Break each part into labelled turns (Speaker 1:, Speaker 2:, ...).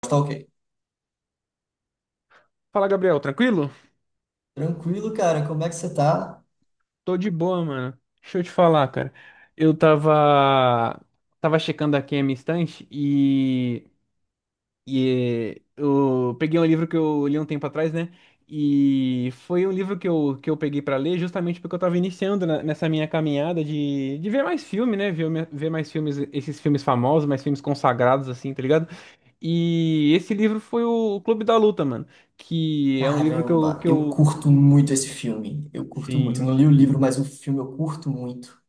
Speaker 1: Tá, ok.
Speaker 2: Fala, Gabriel, tranquilo?
Speaker 1: Tranquilo, cara. Como é que você tá?
Speaker 2: Tô de boa, mano. Deixa eu te falar, cara. Eu tava checando aqui a minha estante e eu peguei um livro que eu li um tempo atrás, né? E foi um livro que que eu peguei pra ler justamente porque eu tava iniciando nessa minha caminhada de ver mais filme, né? Ver mais filmes, esses filmes famosos, mais filmes consagrados, assim, tá ligado? E esse livro foi o Clube da Luta, mano. Que é um livro
Speaker 1: Caramba, eu curto muito esse filme. Eu curto muito. Eu
Speaker 2: sim.
Speaker 1: não li o livro, mas o filme eu curto muito.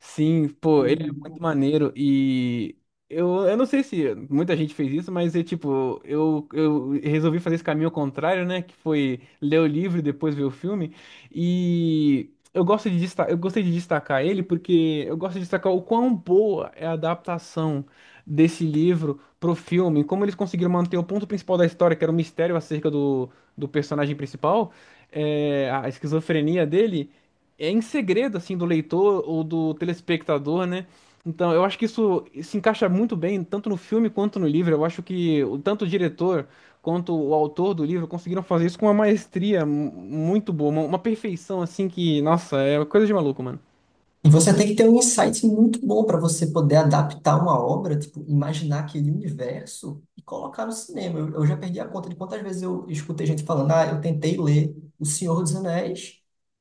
Speaker 2: Sim, pô, ele é muito maneiro e eu não sei se muita gente fez isso, mas é tipo, eu resolvi fazer esse caminho ao contrário, né? Que foi ler o livro e depois ver o filme. E eu gosto de destacar, eu gostei de destacar ele porque eu gosto de destacar o quão boa é a adaptação desse livro pro filme, como eles conseguiram manter o ponto principal da história, que era o mistério acerca do, do personagem principal, a esquizofrenia dele em segredo assim do leitor ou do telespectador, né? Então, eu acho que isso se encaixa muito bem, tanto no filme quanto no livro. Eu acho que tanto o diretor quanto o autor do livro conseguiram fazer isso com uma maestria muito boa, uma perfeição assim que, nossa, é coisa de maluco, mano.
Speaker 1: E você tem que ter um insight muito bom para você poder adaptar uma obra, tipo, imaginar aquele universo e colocar no cinema. Eu já perdi a conta de quantas vezes eu escutei gente falando, ah, eu tentei ler O Senhor dos Anéis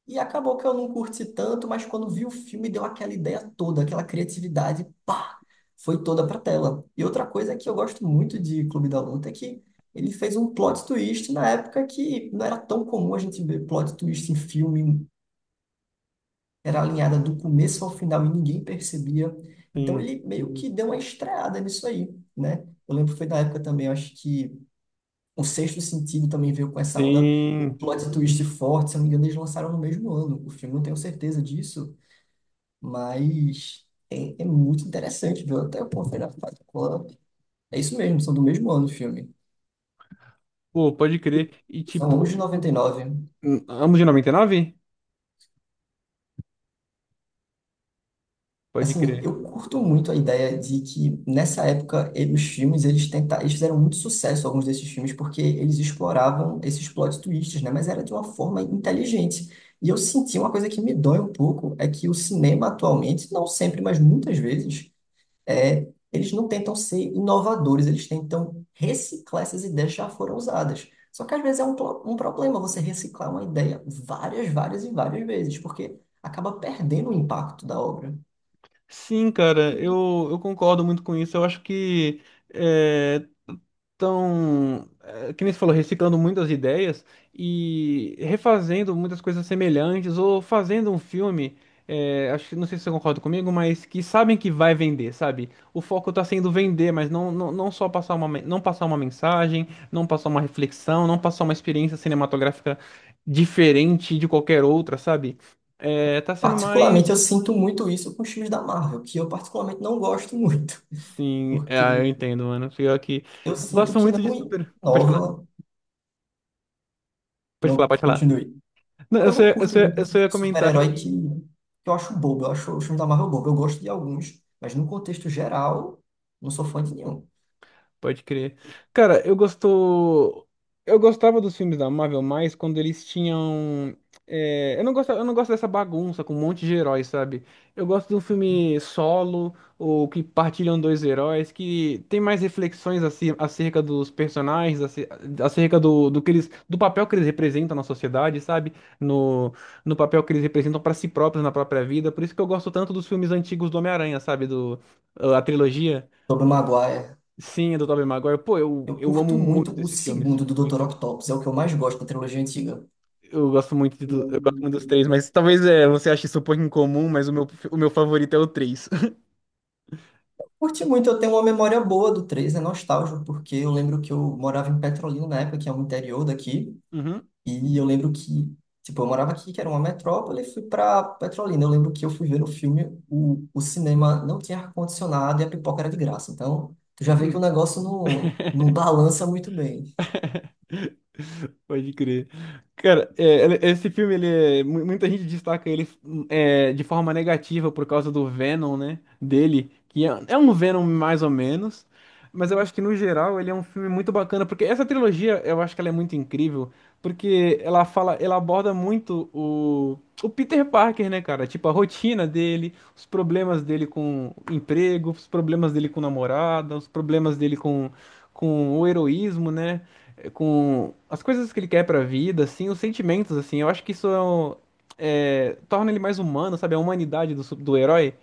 Speaker 1: e acabou que eu não curti tanto, mas quando vi o filme deu aquela ideia toda, aquela criatividade, pá, foi toda pra tela. E outra coisa que eu gosto muito de Clube da Luta é que ele fez um plot twist na época que não era tão comum a gente ver plot twist em filme, era alinhada do começo ao final e ninguém percebia. Então
Speaker 2: Sim,
Speaker 1: ele meio que deu uma estreada nisso aí, né? Eu lembro que foi na época também, eu acho que o Sexto Sentido também veio com essa onda, um
Speaker 2: sim.
Speaker 1: plot twist forte, se eu não me engano, eles lançaram no mesmo ano. O filme, não tenho certeza disso, mas é muito interessante, viu? Até eu conferi na Fight Club. É isso mesmo, são do mesmo ano o filme.
Speaker 2: Pô, pode crer. E
Speaker 1: São ambos
Speaker 2: tipo,
Speaker 1: de 99.
Speaker 2: ambos de 99? Pode
Speaker 1: Assim,
Speaker 2: crer.
Speaker 1: eu curto muito a ideia de que nessa época os filmes eles fizeram muito sucesso alguns desses filmes porque eles exploravam esses plot twists, né? Mas era de uma forma inteligente. E eu senti uma coisa que me dói um pouco é que o cinema atualmente, não sempre, mas muitas vezes, eles não tentam ser inovadores, eles tentam reciclar essas ideias que já foram usadas. Só que às vezes é um, um problema você reciclar uma ideia várias e várias vezes, porque acaba perdendo o impacto da obra.
Speaker 2: Sim, cara, eu concordo muito com isso. Eu acho que eh, Então, é, que nem você falou, reciclando muitas ideias e refazendo muitas coisas semelhantes ou fazendo um filme, é, acho que não sei se você concorda comigo, mas que sabem que vai vender, sabe? O foco tá sendo vender, mas não só passar não passar uma mensagem, não passar uma reflexão, não passar uma experiência cinematográfica diferente de qualquer outra, sabe? É, tá sendo
Speaker 1: Particularmente, eu
Speaker 2: mais.
Speaker 1: sinto muito isso com os filmes da Marvel, que eu particularmente não gosto muito,
Speaker 2: Sim, é, eu
Speaker 1: porque
Speaker 2: entendo, mano. Pior que.
Speaker 1: eu
Speaker 2: Eu
Speaker 1: sinto
Speaker 2: gosto
Speaker 1: que
Speaker 2: muito de
Speaker 1: não
Speaker 2: super. Pode falar,
Speaker 1: inova, não
Speaker 2: pode falar.
Speaker 1: continue.
Speaker 2: Não,
Speaker 1: Então, eu não curto muito
Speaker 2: eu só
Speaker 1: filme
Speaker 2: ia
Speaker 1: de
Speaker 2: comentar
Speaker 1: super-herói que,
Speaker 2: que
Speaker 1: que eu acho bobo, eu acho os filmes da Marvel bobo. Eu gosto de alguns, mas no contexto geral, não sou fã de nenhum.
Speaker 2: pode crer. Cara, eu gostou. Eu gostava dos filmes da Marvel mais quando eles tinham. É, eu não gosto dessa bagunça com um monte de heróis, sabe? Eu gosto de um filme solo, ou que partilham dois heróis, que tem mais reflexões acerca dos personagens, acerca do que eles, do papel que eles representam na sociedade, sabe? No, no papel que eles representam pra si próprios na própria vida. Por isso que eu gosto tanto dos filmes antigos do Homem-Aranha, sabe? Do, a trilogia.
Speaker 1: Tobey Maguire,
Speaker 2: Sim, é do Tobey Maguire. Pô,
Speaker 1: eu
Speaker 2: eu amo
Speaker 1: curto
Speaker 2: muito
Speaker 1: muito o
Speaker 2: esses filmes.
Speaker 1: segundo do Dr.
Speaker 2: Muito.
Speaker 1: Octopus, é o que eu mais gosto da trilogia antiga.
Speaker 2: Eu gosto muito eu gosto muito dos três, mas talvez é, você ache isso um pouco incomum, mas o meu favorito é o três.
Speaker 1: Curti muito, eu tenho uma memória boa do três, é nostálgico, porque eu lembro que eu morava em Petrolina na época, que é um interior daqui,
Speaker 2: Uhum.
Speaker 1: e eu lembro que, tipo, eu morava aqui, que era uma metrópole, e fui pra Petrolina. Eu lembro que eu fui ver no filme, o cinema não tinha ar-condicionado e a pipoca era de graça. Então, tu já vê que o negócio não balança muito bem.
Speaker 2: Pode crer. Cara, é, esse filme, ele muita gente destaca ele é, de forma negativa por causa do Venom, né? Dele, é um Venom mais ou menos, mas eu acho que no geral ele é um filme muito bacana, porque essa trilogia eu acho que ela é muito incrível, porque ela aborda muito o Peter Parker, né, cara? Tipo, a rotina dele, os problemas dele com emprego, os problemas dele com namorada, os problemas dele com o heroísmo, né? É, com as coisas que ele quer pra vida, assim, os sentimentos, assim. Eu acho que isso torna ele mais humano, sabe? A humanidade do, do herói.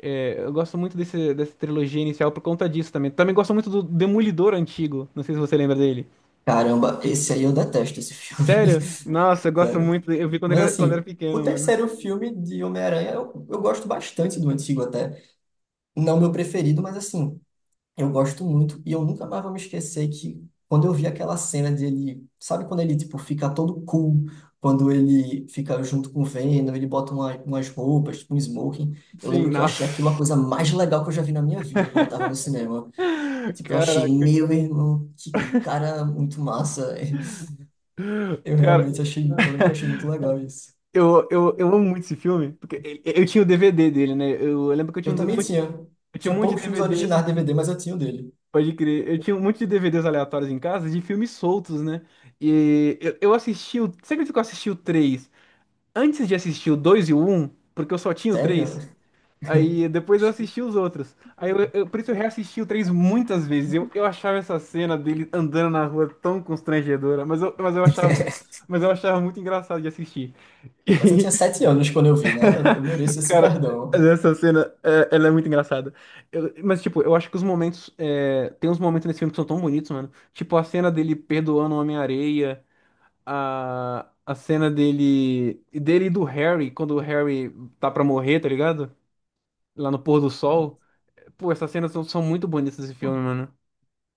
Speaker 2: É, eu gosto muito dessa trilogia inicial por conta disso também. Também gosto muito do Demolidor antigo. Não sei se você lembra dele.
Speaker 1: Caramba, esse aí eu detesto, esse filme.
Speaker 2: Sério? Nossa, eu gosto
Speaker 1: Sério.
Speaker 2: muito dele. Eu vi quando ele
Speaker 1: Mas
Speaker 2: era, quando era
Speaker 1: assim, o
Speaker 2: pequeno, mano.
Speaker 1: terceiro filme de Homem-Aranha, eu gosto bastante do antigo até. Não meu preferido, mas assim. Eu gosto muito e eu nunca mais vou me esquecer que quando eu vi aquela cena dele, sabe quando ele tipo fica todo cool, quando ele fica junto com o Venom, ele bota umas roupas, tipo um smoking. Eu lembro
Speaker 2: Sim,
Speaker 1: que eu achei aquilo a
Speaker 2: nossa.
Speaker 1: coisa mais legal que eu já vi na minha vida quando eu tava no cinema. Tipo, eu achei,
Speaker 2: Caraca,
Speaker 1: meu irmão, que cara muito massa. Eu
Speaker 2: cara.
Speaker 1: realmente achei, eu lembro que eu achei muito legal isso.
Speaker 2: Eu amo muito esse filme, porque eu tinha o DVD dele, né? Eu lembro que
Speaker 1: Eu também tinha,
Speaker 2: eu tinha um
Speaker 1: tinha
Speaker 2: monte de
Speaker 1: poucos filmes
Speaker 2: DVDs.
Speaker 1: originais DVD, mas eu tinha o dele.
Speaker 2: Pode crer. Eu tinha um monte de DVDs aleatórios em casa de filmes soltos, né? E eu assisti o. Você acredita que eu assisti o 3, antes de assistir o 2 e o 1? Porque eu só tinha o
Speaker 1: Sério?
Speaker 2: 3. Aí depois eu assisti os outros. Aí por isso eu reassisti o 3 muitas vezes. Eu achava essa cena dele andando na rua tão constrangedora, mas eu achava muito, mas eu achava muito engraçado de assistir.
Speaker 1: Mas eu tinha 7 anos quando eu vi, né? Eu mereço esse
Speaker 2: Cara,
Speaker 1: perdão.
Speaker 2: essa cena, é, ela é muito engraçada. Mas, tipo, eu acho que os momentos. É, tem uns momentos nesse filme que são tão bonitos, mano. Tipo, a cena dele perdoando o Homem-Areia, a cena dele e do Harry, quando o Harry tá pra morrer, tá ligado? Lá no pôr do
Speaker 1: Então,
Speaker 2: sol. Pô, são muito bonitas desse
Speaker 1: pô,
Speaker 2: filme, mano.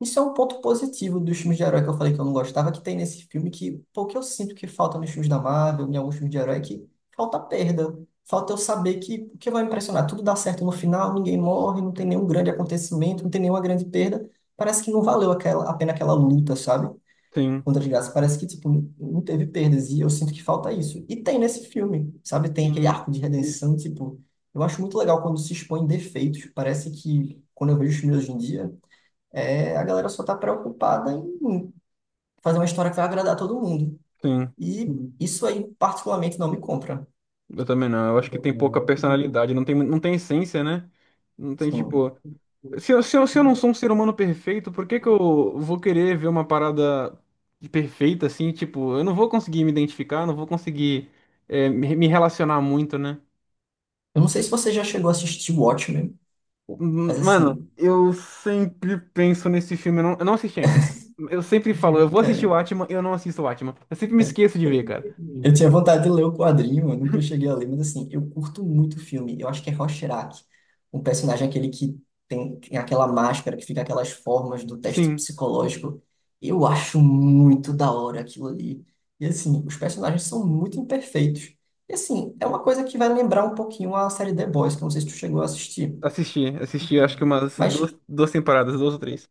Speaker 1: isso é um ponto positivo dos filmes de herói que eu falei que eu não gostava, que tem nesse filme que, pô, que eu sinto que falta nos filmes da Marvel, em alguns filmes de herói, é que falta perda. Falta eu saber que o que vai me impressionar? Tudo dá certo no final, ninguém morre, não tem nenhum grande acontecimento, não tem nenhuma grande perda. Parece que não valeu aquela, a pena aquela luta, sabe?
Speaker 2: Sim,
Speaker 1: Contra as Graças. Parece que, tipo, não teve perdas. E eu sinto que falta isso. E tem nesse filme, sabe? Tem aquele
Speaker 2: sim,
Speaker 1: arco de redenção, tipo... Eu acho muito legal quando se expõe defeitos. Parece que, quando eu vejo os filmes hoje em dia, a galera só tá preocupada em fazer uma história que vai agradar todo mundo.
Speaker 2: sim.
Speaker 1: E uhum, isso aí, particularmente, não me compra.
Speaker 2: Eu também não. Eu acho que tem
Speaker 1: Eu
Speaker 2: pouca
Speaker 1: não, tipo,
Speaker 2: personalidade, não tem essência, né? Não tem,
Speaker 1: sim.
Speaker 2: tipo. Se eu não sou um ser humano perfeito, por que que eu vou querer ver uma parada de perfeita assim? Tipo, eu não vou conseguir me identificar, não vou conseguir me relacionar muito, né?
Speaker 1: Eu não sei se você já chegou a assistir Watchmen, mas
Speaker 2: Mano,
Speaker 1: assim,
Speaker 2: eu sempre penso nesse filme, eu não assisti ainda. Eu sempre falo, eu vou assistir o
Speaker 1: é,
Speaker 2: Atman, eu não assisto o Atman. Eu sempre me esqueço de ver, cara.
Speaker 1: eu tinha vontade de ler o quadrinho, eu nunca cheguei a ler, mas assim, eu curto muito o filme. Eu acho que é Rorschach, um personagem é aquele que tem aquela máscara, que fica aquelas formas do teste
Speaker 2: Sim,
Speaker 1: psicológico. Eu acho muito da hora aquilo ali. E assim, os personagens são muito imperfeitos. E assim, é uma coisa que vai lembrar um pouquinho a série The Boys, que eu não sei se tu chegou a assistir.
Speaker 2: assisti acho que umas
Speaker 1: Mas
Speaker 2: duas, duas temporadas, duas ou três.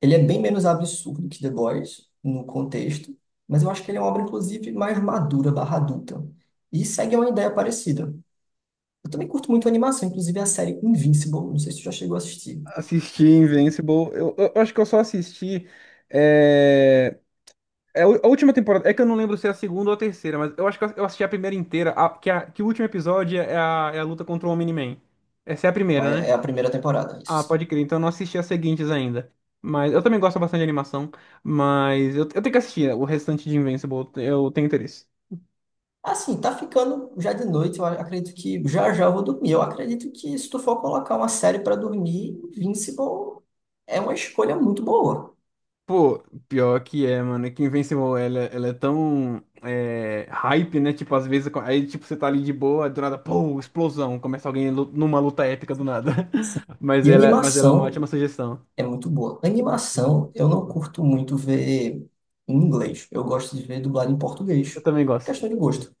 Speaker 1: ele é bem menos absurdo que The Boys no contexto, mas eu acho que ele é uma obra, inclusive, mais madura, barra adulta. E segue uma ideia parecida. Eu também curto muito a animação, inclusive a série Invincible, não sei se tu já chegou a assistir.
Speaker 2: Assisti Invincible, eu acho que eu só assisti. É, É, a última temporada, é que eu não lembro se é a segunda ou a terceira, mas eu acho que eu assisti a primeira inteira, que o último episódio é é a luta contra o Omni-Man. Essa é a primeira, né?
Speaker 1: É a primeira temporada,
Speaker 2: Ah,
Speaker 1: isso, sim.
Speaker 2: pode crer, então eu não assisti as seguintes ainda. Mas eu também gosto bastante de animação, mas eu tenho que assistir o restante de Invincible, eu tenho interesse.
Speaker 1: Assim, tá ficando já de noite, eu acredito que já já eu vou dormir. Eu acredito que se tu for colocar uma série para dormir, Invincible é uma escolha muito boa.
Speaker 2: Pô, pior que é, mano, é que Invincible, ela é tão é, hype, né? Tipo, às vezes, aí tipo, você tá ali de boa, do nada, pô, explosão, começa numa luta épica do nada.
Speaker 1: E
Speaker 2: Mas ela é uma
Speaker 1: animação.
Speaker 2: ótima sugestão.
Speaker 1: É muito boa. Animação, eu não curto muito ver em inglês. Eu gosto de ver dublado em
Speaker 2: Eu
Speaker 1: português.
Speaker 2: também gosto.
Speaker 1: Questão de gosto.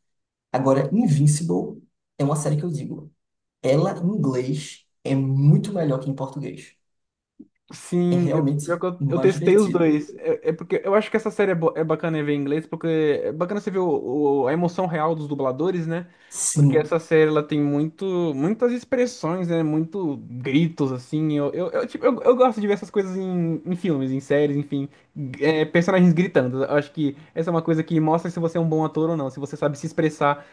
Speaker 1: Agora, Invincible é uma série que eu digo. Ela, em inglês, é muito melhor que em português. É
Speaker 2: Sim, eu, pior
Speaker 1: realmente
Speaker 2: que eu
Speaker 1: mais
Speaker 2: testei os
Speaker 1: divertido.
Speaker 2: dois. É, é porque eu acho que essa série é, é bacana ver em inglês, porque é bacana você ver a emoção real dos dubladores, né? Porque essa
Speaker 1: Sim,
Speaker 2: série ela tem muito, muitas expressões, né? Muito gritos, assim. Eu gosto de ver essas coisas em, em filmes, em séries, enfim. É, personagens gritando. Eu acho que essa é uma coisa que mostra se você é um bom ator ou não, se você sabe se expressar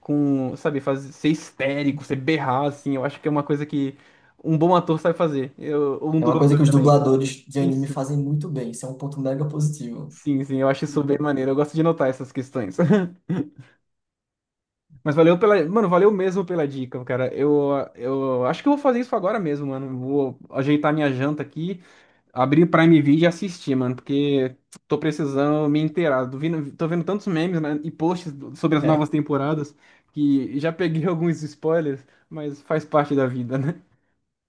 Speaker 2: com, sabe, fazer, ser histérico, ser berrar, assim. Eu acho que é uma coisa que um bom ator sabe fazer. Eu, ou um
Speaker 1: é uma coisa
Speaker 2: dublador
Speaker 1: que os
Speaker 2: também.
Speaker 1: dubladores de anime
Speaker 2: Isso.
Speaker 1: fazem muito bem. Isso é um ponto mega positivo.
Speaker 2: Sim, sim, eu acho isso bem maneiro. Eu gosto de notar essas questões. Mas valeu pela. Mano, valeu mesmo pela dica, cara. Eu acho que eu vou fazer isso agora mesmo, mano. Vou ajeitar minha janta aqui, abrir o Prime Video e assistir, mano, porque tô precisando me inteirar. Tô vendo tantos memes, né, e posts sobre as
Speaker 1: É.
Speaker 2: novas temporadas que já peguei alguns spoilers, mas faz parte da vida, né?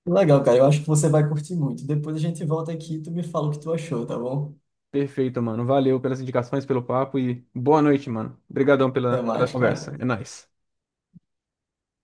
Speaker 1: Legal, cara. Eu acho que você vai curtir muito. Depois a gente volta aqui e tu me fala o que tu achou, tá bom?
Speaker 2: Perfeito, mano. Valeu pelas indicações, pelo papo e boa noite, mano. Obrigadão
Speaker 1: Até
Speaker 2: pela
Speaker 1: mais,
Speaker 2: conversa.
Speaker 1: cara.
Speaker 2: É nóis.